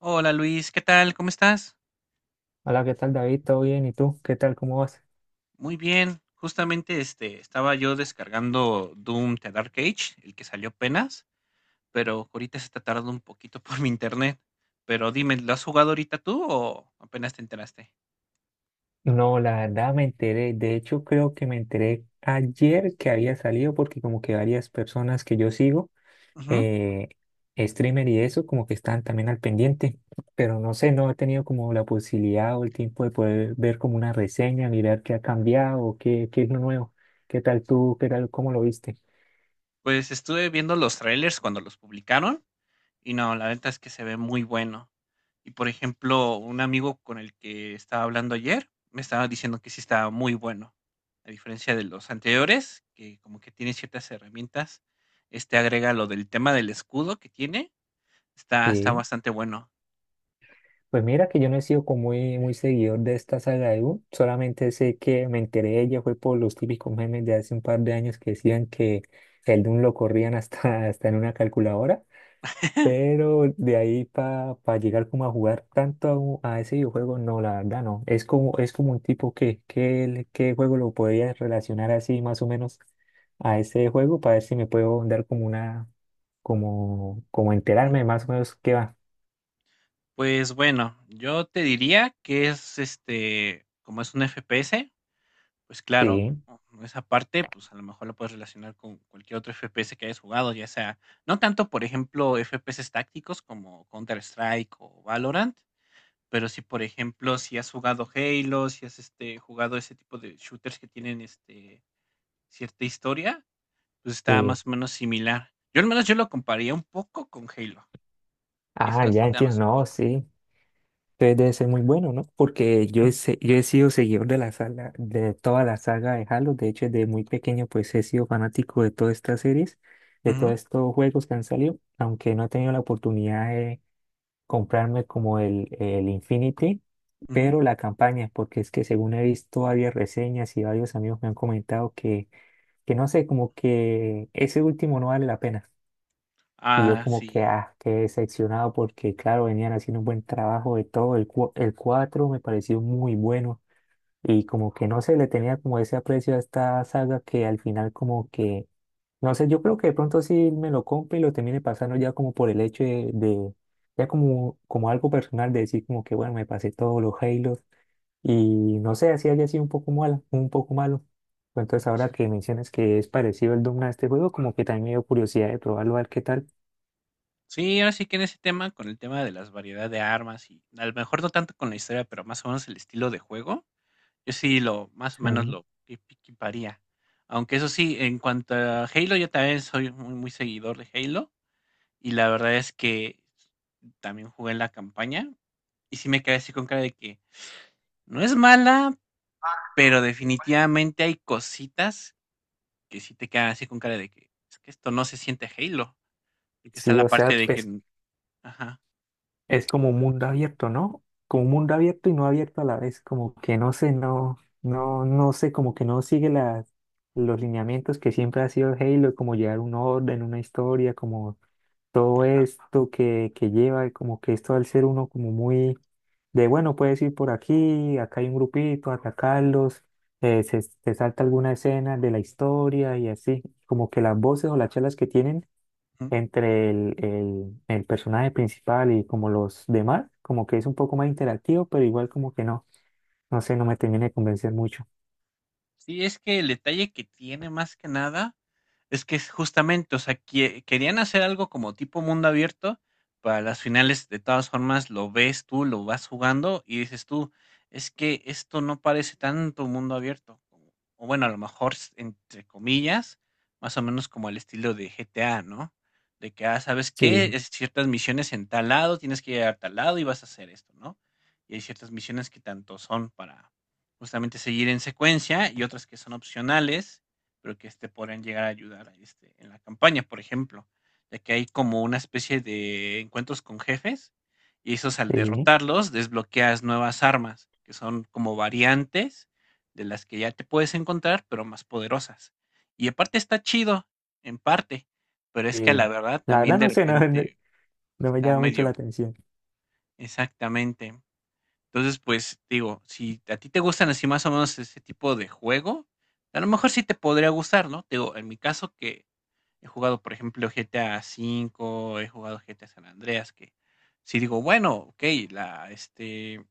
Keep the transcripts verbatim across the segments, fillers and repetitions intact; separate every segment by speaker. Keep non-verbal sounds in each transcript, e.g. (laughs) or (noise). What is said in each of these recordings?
Speaker 1: Hola Luis, ¿qué tal? ¿Cómo estás?
Speaker 2: Hola, ¿qué tal, David? ¿Todo bien? ¿Y tú? ¿Qué tal? ¿Cómo vas?
Speaker 1: Muy bien. Justamente este estaba yo descargando Doom The Dark Age, el que salió apenas, pero ahorita se está tardando un poquito (laughs) por mi internet. Pero dime, ¿lo has jugado ahorita tú o apenas te enteraste?
Speaker 2: No, la verdad me enteré. De hecho, creo que me enteré ayer que había salido porque como que varias personas que yo sigo,
Speaker 1: Ujú.
Speaker 2: eh, streamer y eso, como que están también al pendiente. Pero no sé, no he tenido como la posibilidad o el tiempo de poder ver como una reseña, mirar qué ha cambiado o qué, qué es lo nuevo. ¿Qué tal tú? ¿Qué tal? ¿Cómo lo viste?
Speaker 1: Pues estuve viendo los trailers cuando los publicaron. Y no, la neta es que se ve muy bueno. Y por ejemplo, un amigo con el que estaba hablando ayer me estaba diciendo que sí estaba muy bueno. A diferencia de los anteriores, que como que tiene ciertas herramientas, este agrega lo del tema del escudo que tiene, está, está
Speaker 2: Sí.
Speaker 1: bastante bueno.
Speaker 2: Pues mira que yo no he sido como muy, muy seguidor de esta saga de U, solamente sé que me enteré de ella fue por los típicos memes de hace un par de años que decían que el Doom lo corrían hasta, (laughs) hasta en una calculadora, pero de ahí para llegar como a jugar tanto a, u- a ese videojuego, no, la verdad no, es como, es como un tipo que, que, qué juego lo podría relacionar así más o menos a ese juego para ver si me puedo dar como una, como, como
Speaker 1: Mm,
Speaker 2: enterarme más o menos qué va.
Speaker 1: pues bueno, yo te diría que es este, como es un F P S. Pues claro,
Speaker 2: Sí,
Speaker 1: mm, esa parte, pues, a lo mejor lo puedes relacionar con cualquier otro F P S que hayas jugado, ya sea, no tanto, por ejemplo, F P S tácticos como Counter-Strike o Valorant, pero sí, por ejemplo, si has jugado Halo, si has, este, jugado ese tipo de shooters que tienen, este, cierta historia, pues, está
Speaker 2: sí.
Speaker 1: más o menos similar. Yo al menos yo lo compararía un poco con Halo, y eso
Speaker 2: Ah, ya
Speaker 1: así nada
Speaker 2: entiendo,
Speaker 1: más un
Speaker 2: no,
Speaker 1: poco.
Speaker 2: sí. Entonces debe ser muy bueno, ¿no? Porque yo he, se- yo he sido seguidor de la saga, de toda la saga de Halo. De hecho, desde muy pequeño, pues he sido fanático de todas estas series, de todos
Speaker 1: Ujú,
Speaker 2: estos juegos que han salido, aunque no he tenido la oportunidad de comprarme como el, el Infinity,
Speaker 1: ujú.
Speaker 2: pero la campaña, porque es que según he visto varias reseñas y varios amigos me han comentado que, que no sé, como que ese último no vale la pena. Y yo
Speaker 1: Ah,
Speaker 2: como que,
Speaker 1: sí.
Speaker 2: ah, qué decepcionado porque, claro, venían haciendo un buen trabajo de todo. El, cua- el cuatro me pareció muy bueno y como que no se le tenía como ese aprecio a esta saga que al final como que, no sé, yo creo que de pronto sí me lo compre y lo termine pasando ya como por el hecho de, de- ya como, como algo personal de decir como que, bueno, me pasé todos los Halos y no sé, así haya sido un poco malo, un poco malo. Entonces ahora
Speaker 1: Sí.
Speaker 2: que mencionas que es parecido el Doom a este juego, como que también me dio curiosidad de probarlo, a ver qué tal.
Speaker 1: Sí, ahora sí que en ese tema, con el tema de las variedad de armas y a lo mejor no tanto con la historia, pero más o menos el estilo de juego, yo sí lo más o menos lo equi- equiparía. Aunque eso sí, en cuanto a Halo, yo también soy muy, muy seguidor de Halo y la verdad es que también jugué en la campaña y sí me quedé así con cara de que no es mala, pero definitivamente hay cositas que sí te quedan así con cara de que es que esto no se siente Halo, y que está
Speaker 2: Sí,
Speaker 1: la
Speaker 2: o sea,
Speaker 1: parte de
Speaker 2: pues
Speaker 1: que, ajá,
Speaker 2: es como un mundo abierto, ¿no? Como un mundo abierto y no abierto a la vez, como que no sé, no, no, no sé, como que no sigue las, los lineamientos que siempre ha sido Halo, como llevar un orden, una historia, como todo
Speaker 1: ajá.
Speaker 2: esto que, que lleva, como que esto al ser uno como muy de, bueno, puedes ir por aquí, acá hay un grupito, atacarlos, eh, se, se salta alguna escena de la historia y así, como que las voces o las charlas que tienen entre el, el, el personaje principal y como los demás, como que es un poco más interactivo, pero igual como que no, no sé, no me termina de convencer mucho.
Speaker 1: Sí, es que el detalle que tiene más que nada, es que es justamente, o sea, que querían hacer algo como tipo mundo abierto, para las finales de todas formas lo ves tú, lo vas jugando y dices tú, es que esto no parece tanto mundo abierto, como- o bueno, a lo mejor s- entre comillas, más o menos como el estilo de G T A, ¿no? De que, ah, ¿sabes qué?
Speaker 2: Sí,
Speaker 1: Es ciertas misiones en tal lado, tienes que llegar a tal lado y vas a hacer esto, ¿no? Y hay ciertas misiones que tanto son para justamente seguir en secuencia y otras que son opcionales, pero que este, podrían llegar a ayudar este, en la campaña, por ejemplo, ya que hay como una especie de encuentros con jefes y esos al
Speaker 2: sí.
Speaker 1: derrotarlos desbloqueas nuevas armas, que son como variantes de las que ya te puedes encontrar, pero más poderosas. Y aparte está chido, en parte, pero es que a la
Speaker 2: eh,
Speaker 1: verdad
Speaker 2: la
Speaker 1: también
Speaker 2: verdad
Speaker 1: de
Speaker 2: no sé, (laughs) no, no-
Speaker 1: repente
Speaker 2: no me
Speaker 1: está
Speaker 2: llama mucho la
Speaker 1: medio
Speaker 2: atención.
Speaker 1: exactamente. Entonces, pues digo, si a ti te gustan así más o menos ese tipo de juego, a lo mejor sí te podría gustar, ¿no? Te digo, en mi caso que he jugado, por ejemplo, G T A cinco, he jugado G T A San Andreas, que si digo, bueno, ok, la, este,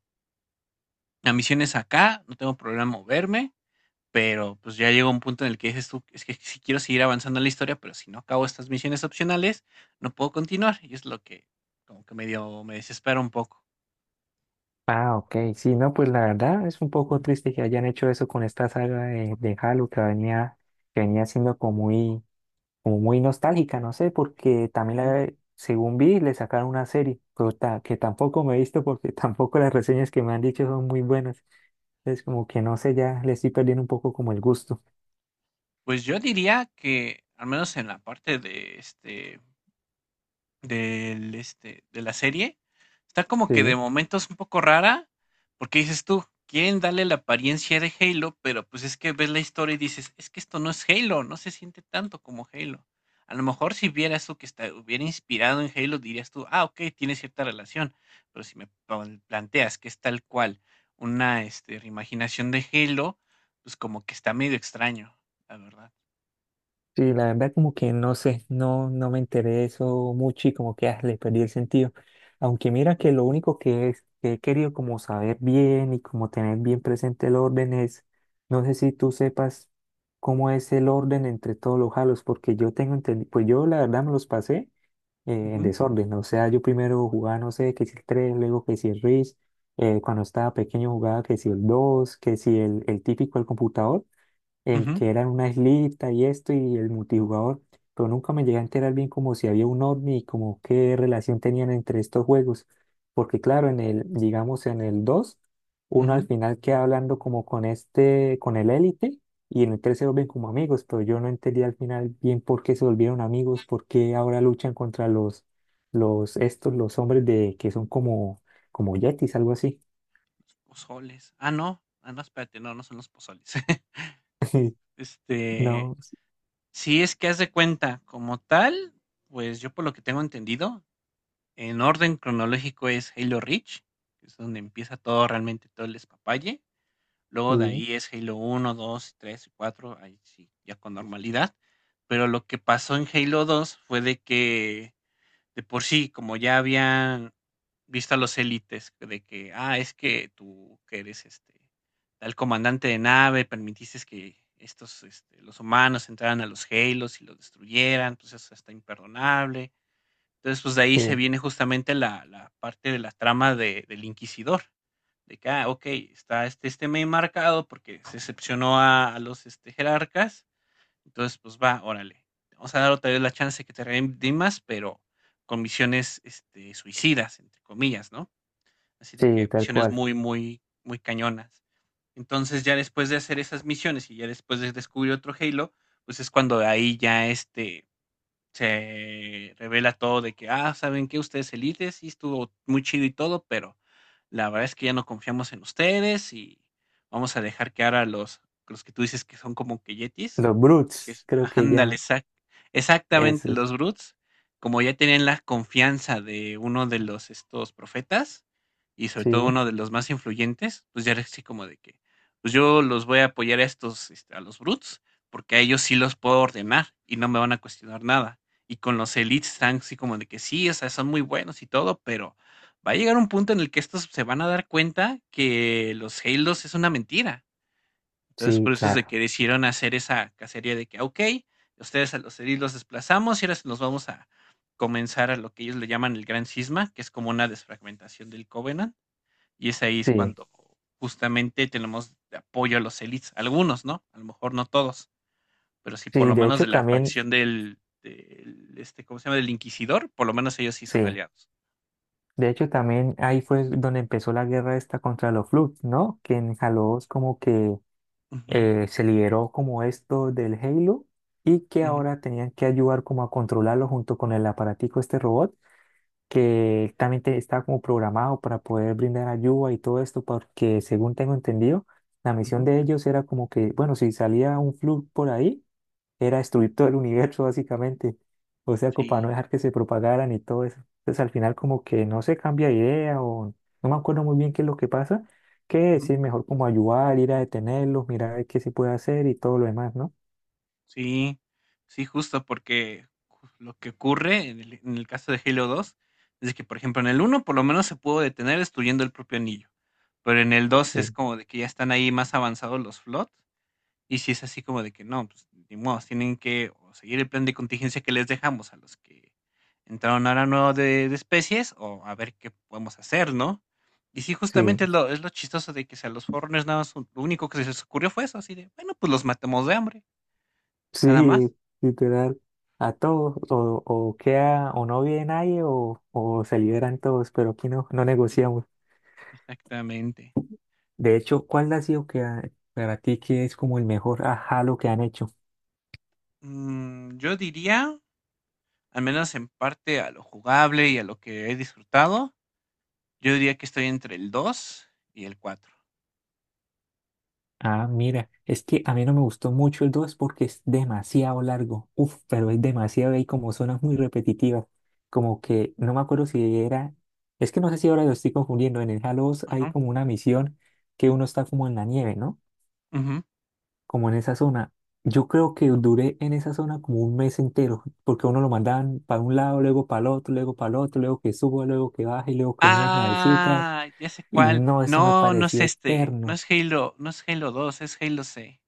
Speaker 1: la misión es acá, no tengo problema en moverme, pero pues ya llega un punto en el que dices tú, es que si quiero seguir avanzando en la historia, pero si no acabo estas misiones opcionales, no puedo continuar. Y es lo que como que medio me desespera un poco.
Speaker 2: Ah, ok, sí, no, pues la verdad es un poco triste que hayan hecho eso con esta saga de, de Halo que venía, que venía siendo como muy, como muy nostálgica, no sé, porque también
Speaker 1: Ujú.
Speaker 2: la- según vi, le sacaron una serie, pero ta- que tampoco me he visto porque (laughs) tampoco las reseñas que me han dicho son muy buenas. Entonces, como que no sé, ya le estoy perdiendo un poco como el gusto.
Speaker 1: Pues yo diría que, al menos en la parte de este Del, este, de la serie, está como que de
Speaker 2: Sí.
Speaker 1: momentos un poco rara, porque dices tú, quieren darle la apariencia de Halo, pero pues es que ves la historia y dices, es que esto no es Halo, no se siente tanto como Halo. A lo mejor si vieras tú que está, hubiera inspirado en Halo, dirías tú, ah, ok, tiene cierta relación, pero si me pon- planteas que es tal cual una este, reimaginación de Halo, pues como que está medio extraño, la verdad.
Speaker 2: Sí, la verdad como que no sé, no, no me enteré de eso mucho y como que ah, le perdí el sentido. Aunque mira que lo único que, es, que he querido como saber bien y como tener bien presente el orden es, no sé si tú sepas cómo es el orden entre todos los halos, porque yo tengo entendido, pues yo la verdad me los pasé eh, en
Speaker 1: Ujú,
Speaker 2: desorden, o sea, yo primero jugaba, no sé, que si el tres, luego que si el R I S, eh, cuando estaba pequeño jugaba que si el dos, que si el, el típico el computador el
Speaker 1: ujú,
Speaker 2: que era una islita y esto y el multijugador, pero nunca me llegué a enterar bien como si había un ovni y como qué relación tenían entre estos juegos, porque claro, en el, digamos en el dos
Speaker 1: ujú,
Speaker 2: uno
Speaker 1: ujú.
Speaker 2: al final queda hablando como con este, con el élite, y en el tres se vuelven como amigos, pero yo no entendí al final bien por qué se volvieron amigos, por qué ahora luchan contra los, los, estos, los hombres de, que son como, como yetis, algo así.
Speaker 1: Los Pozoles. Ah, no. Ah, no, espérate, no, no son los pozoles. (laughs)
Speaker 2: (laughs)
Speaker 1: Este,
Speaker 2: No,
Speaker 1: si es que haz de cuenta, como tal, pues yo por lo que tengo entendido, en orden cronológico es Halo Reach, que es donde empieza todo realmente todo el espapalle. Luego de
Speaker 2: sí,
Speaker 1: ahí es Halo uno dos tres y cuatro ahí sí, ya con normalidad. Pero lo que pasó en Halo dos fue de que de por sí, como ya habían visto a los élites de que, ah, es que tú que eres este tal comandante de nave, permitiste que estos este, los humanos entraran a los Halos y los destruyeran, pues eso está imperdonable. Entonces, pues de ahí se
Speaker 2: sí,
Speaker 1: viene justamente la, la parte de la trama de, del Inquisidor, de que, ah, ok, está este, este meme marcado porque se excepcionó a, a los este, jerarcas, entonces, pues va, órale. Te vamos a dar otra vez la chance de que te redimas, pero con misiones este, suicidas, entre comillas, ¿no? Así de que
Speaker 2: sí, tal
Speaker 1: misiones
Speaker 2: cual.
Speaker 1: muy, muy, muy cañonas. Entonces, ya después de hacer esas misiones y ya después de descubrir otro Halo, pues es cuando ahí ya este se revela todo de que, ah, ¿saben qué? Ustedes elites, sí estuvo muy chido y todo, pero la verdad es que ya no confiamos en ustedes y vamos a dejar que ahora los, los que tú dices que son como que yetis,
Speaker 2: Los
Speaker 1: que
Speaker 2: Brutes,
Speaker 1: es,
Speaker 2: creo que
Speaker 1: ándale,
Speaker 2: llaman.
Speaker 1: exact- exactamente,
Speaker 2: Eso,
Speaker 1: los Bruts, como ya tenían la confianza de uno de los estos profetas y sobre todo
Speaker 2: sí,
Speaker 1: uno de los más influyentes, pues ya era así como de que, pues yo los voy a apoyar a estos, este, a los Bruts, porque a ellos sí los puedo ordenar y no me van a cuestionar nada. Y con los Elites están así como de que sí, o sea, son muy buenos y todo, pero va a llegar un punto en el que estos se van a dar cuenta que los Halos es una mentira, entonces,
Speaker 2: sí,
Speaker 1: por eso es de
Speaker 2: claro.
Speaker 1: que decidieron hacer esa cacería de que, ok, ustedes a los edil los desplazamos y ahora se nos vamos a comenzar a lo que ellos le llaman el gran cisma, que es como una desfragmentación del Covenant. Y es ahí es
Speaker 2: Sí,
Speaker 1: cuando justamente tenemos de apoyo a los elites, algunos, ¿no? A lo mejor no todos, pero sí por
Speaker 2: sí,
Speaker 1: lo
Speaker 2: de
Speaker 1: menos
Speaker 2: hecho
Speaker 1: de la
Speaker 2: también,
Speaker 1: facción del, del, este, ¿cómo se llama? Del Inquisidor, por lo menos ellos sí son
Speaker 2: sí.
Speaker 1: aliados.
Speaker 2: De hecho también ahí fue donde empezó la guerra esta contra los Flood, ¿no? Que en Halo dos como que
Speaker 1: Ujú,
Speaker 2: eh, se liberó como esto del Halo y que
Speaker 1: ujú,
Speaker 2: ahora tenían que ayudar como a controlarlo junto con el aparatico, este robot, que también te- estaba como programado para poder brindar ayuda y todo esto, porque según tengo entendido, la misión
Speaker 1: ujú,
Speaker 2: de ellos era como que, bueno, si salía un Flood por ahí, era destruir todo el universo básicamente, o sea, como para no
Speaker 1: sí.
Speaker 2: dejar que se propagaran y todo eso. Entonces al final como que no se cambia de idea o no me acuerdo muy bien qué es lo que pasa, que sí, mejor como ayudar, ir a detenerlos, mirar a ver qué se puede hacer y todo lo demás, ¿no?
Speaker 1: Sí, sí, justo porque ju- lo que ocurre en el, en el caso de Halo dos es que, por ejemplo, en el uno por lo menos se pudo detener destruyendo el propio anillo, pero en el dos es
Speaker 2: Sí,
Speaker 1: como de que ya están ahí más avanzados los flot y si es así como de que no, pues ni modo, tienen que o seguir el plan de contingencia que les dejamos a los que entraron ahora nuevo de, de especies o a ver qué podemos hacer, ¿no? Y sí,
Speaker 2: sí.
Speaker 1: justamente es lo,
Speaker 2: (laughs)
Speaker 1: es lo chistoso de que si a los Foreigners nada más lo único que se les ocurrió fue eso, así de, bueno, pues los matamos de hambre, nada más.
Speaker 2: Sí, literal, a todos, o, o queda, o no vive nadie, o, o se liberan todos, pero aquí no, no negociamos.
Speaker 1: Exactamente.
Speaker 2: De hecho, ¿cuál ha sido que a- para ti que es como el mejor ajá lo que han hecho?
Speaker 1: Mm, yo diría, al menos en parte a lo jugable y a lo que he disfrutado, yo diría que estoy entre el dos y el cuatro.
Speaker 2: Ah, mira, es que a mí no me gustó mucho el dos porque es demasiado largo. Uf, pero es demasiado y hay como zonas muy repetitivas. Como que no me acuerdo si era. Es que no sé si ahora lo estoy confundiendo. En el Halo dos hay
Speaker 1: Ajá.
Speaker 2: como una misión que uno está como en la nieve, ¿no?
Speaker 1: Ujú.
Speaker 2: Como en esa zona. Yo creo que duré en esa zona como un mes entero, porque a uno lo mandaban para un lado, luego para el otro, luego para el otro, luego que suba, luego que baje, luego que en unas navecitas.
Speaker 1: Ah, ya sé
Speaker 2: Y
Speaker 1: cuál.
Speaker 2: no, eso me
Speaker 1: No, no es
Speaker 2: pareció
Speaker 1: este. No
Speaker 2: eterno.
Speaker 1: es Halo, no es Halo dos, es Halo C.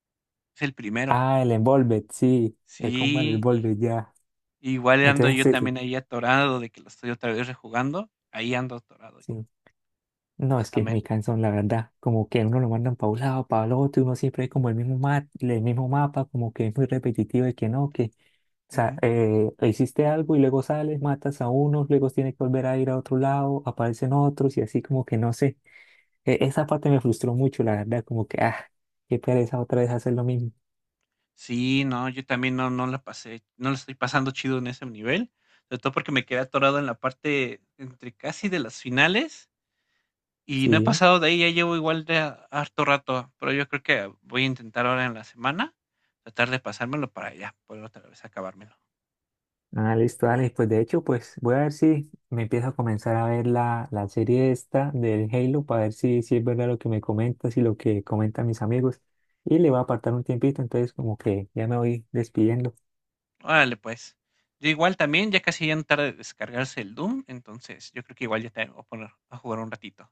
Speaker 1: Es el primero.
Speaker 2: Ah, el Envolved, sí, el Combat
Speaker 1: Sí, y,
Speaker 2: Envolved, ya.
Speaker 1: igual ando
Speaker 2: Entonces,
Speaker 1: yo
Speaker 2: sí,
Speaker 1: también
Speaker 2: sí,
Speaker 1: ahí atorado de que lo estoy otra vez rejugando. Ahí ando atorado yo,
Speaker 2: sí. No, es que es muy
Speaker 1: justamente.
Speaker 2: cansón, la verdad. Como que uno lo mandan para un lado, para el otro, y uno siempre es como el mismo, ma- el mismo mapa, como que es muy repetitivo y que no, que sa- eh, hiciste algo y luego sales, matas a unos, luego tienes que volver a ir a otro lado, aparecen otros y así como que no sé. E- esa parte me frustró mucho, la verdad, como que, ah, qué pereza otra vez hacer lo mismo.
Speaker 1: Sí, no, yo también no no la pasé, no la estoy pasando chido en ese nivel, sobre todo porque me quedé atorado en la parte entre casi de las finales y no he
Speaker 2: Sí.
Speaker 1: pasado de ahí, ya llevo igual de a- harto rato, pero yo creo que voy a intentar ahora en la semana tratar de pasármelo para allá, poder otra vez acabármelo.
Speaker 2: Ah, listo, Alex. Pues de hecho, pues voy a ver si me empiezo a comenzar a ver la, la serie esta del Halo para ver si, si es verdad lo que me comentas y lo que comentan mis amigos. Y le voy a apartar un tiempito, entonces como que ya me voy despidiendo.
Speaker 1: Órale, pues. Yo igual también, ya casi ya no tarda de descargarse el Doom, entonces yo creo que igual ya te voy a poner a jugar un ratito.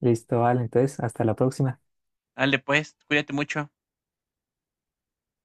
Speaker 2: Listo, Alex. Entonces, hasta la próxima.
Speaker 1: Dale, pues, cuídate mucho.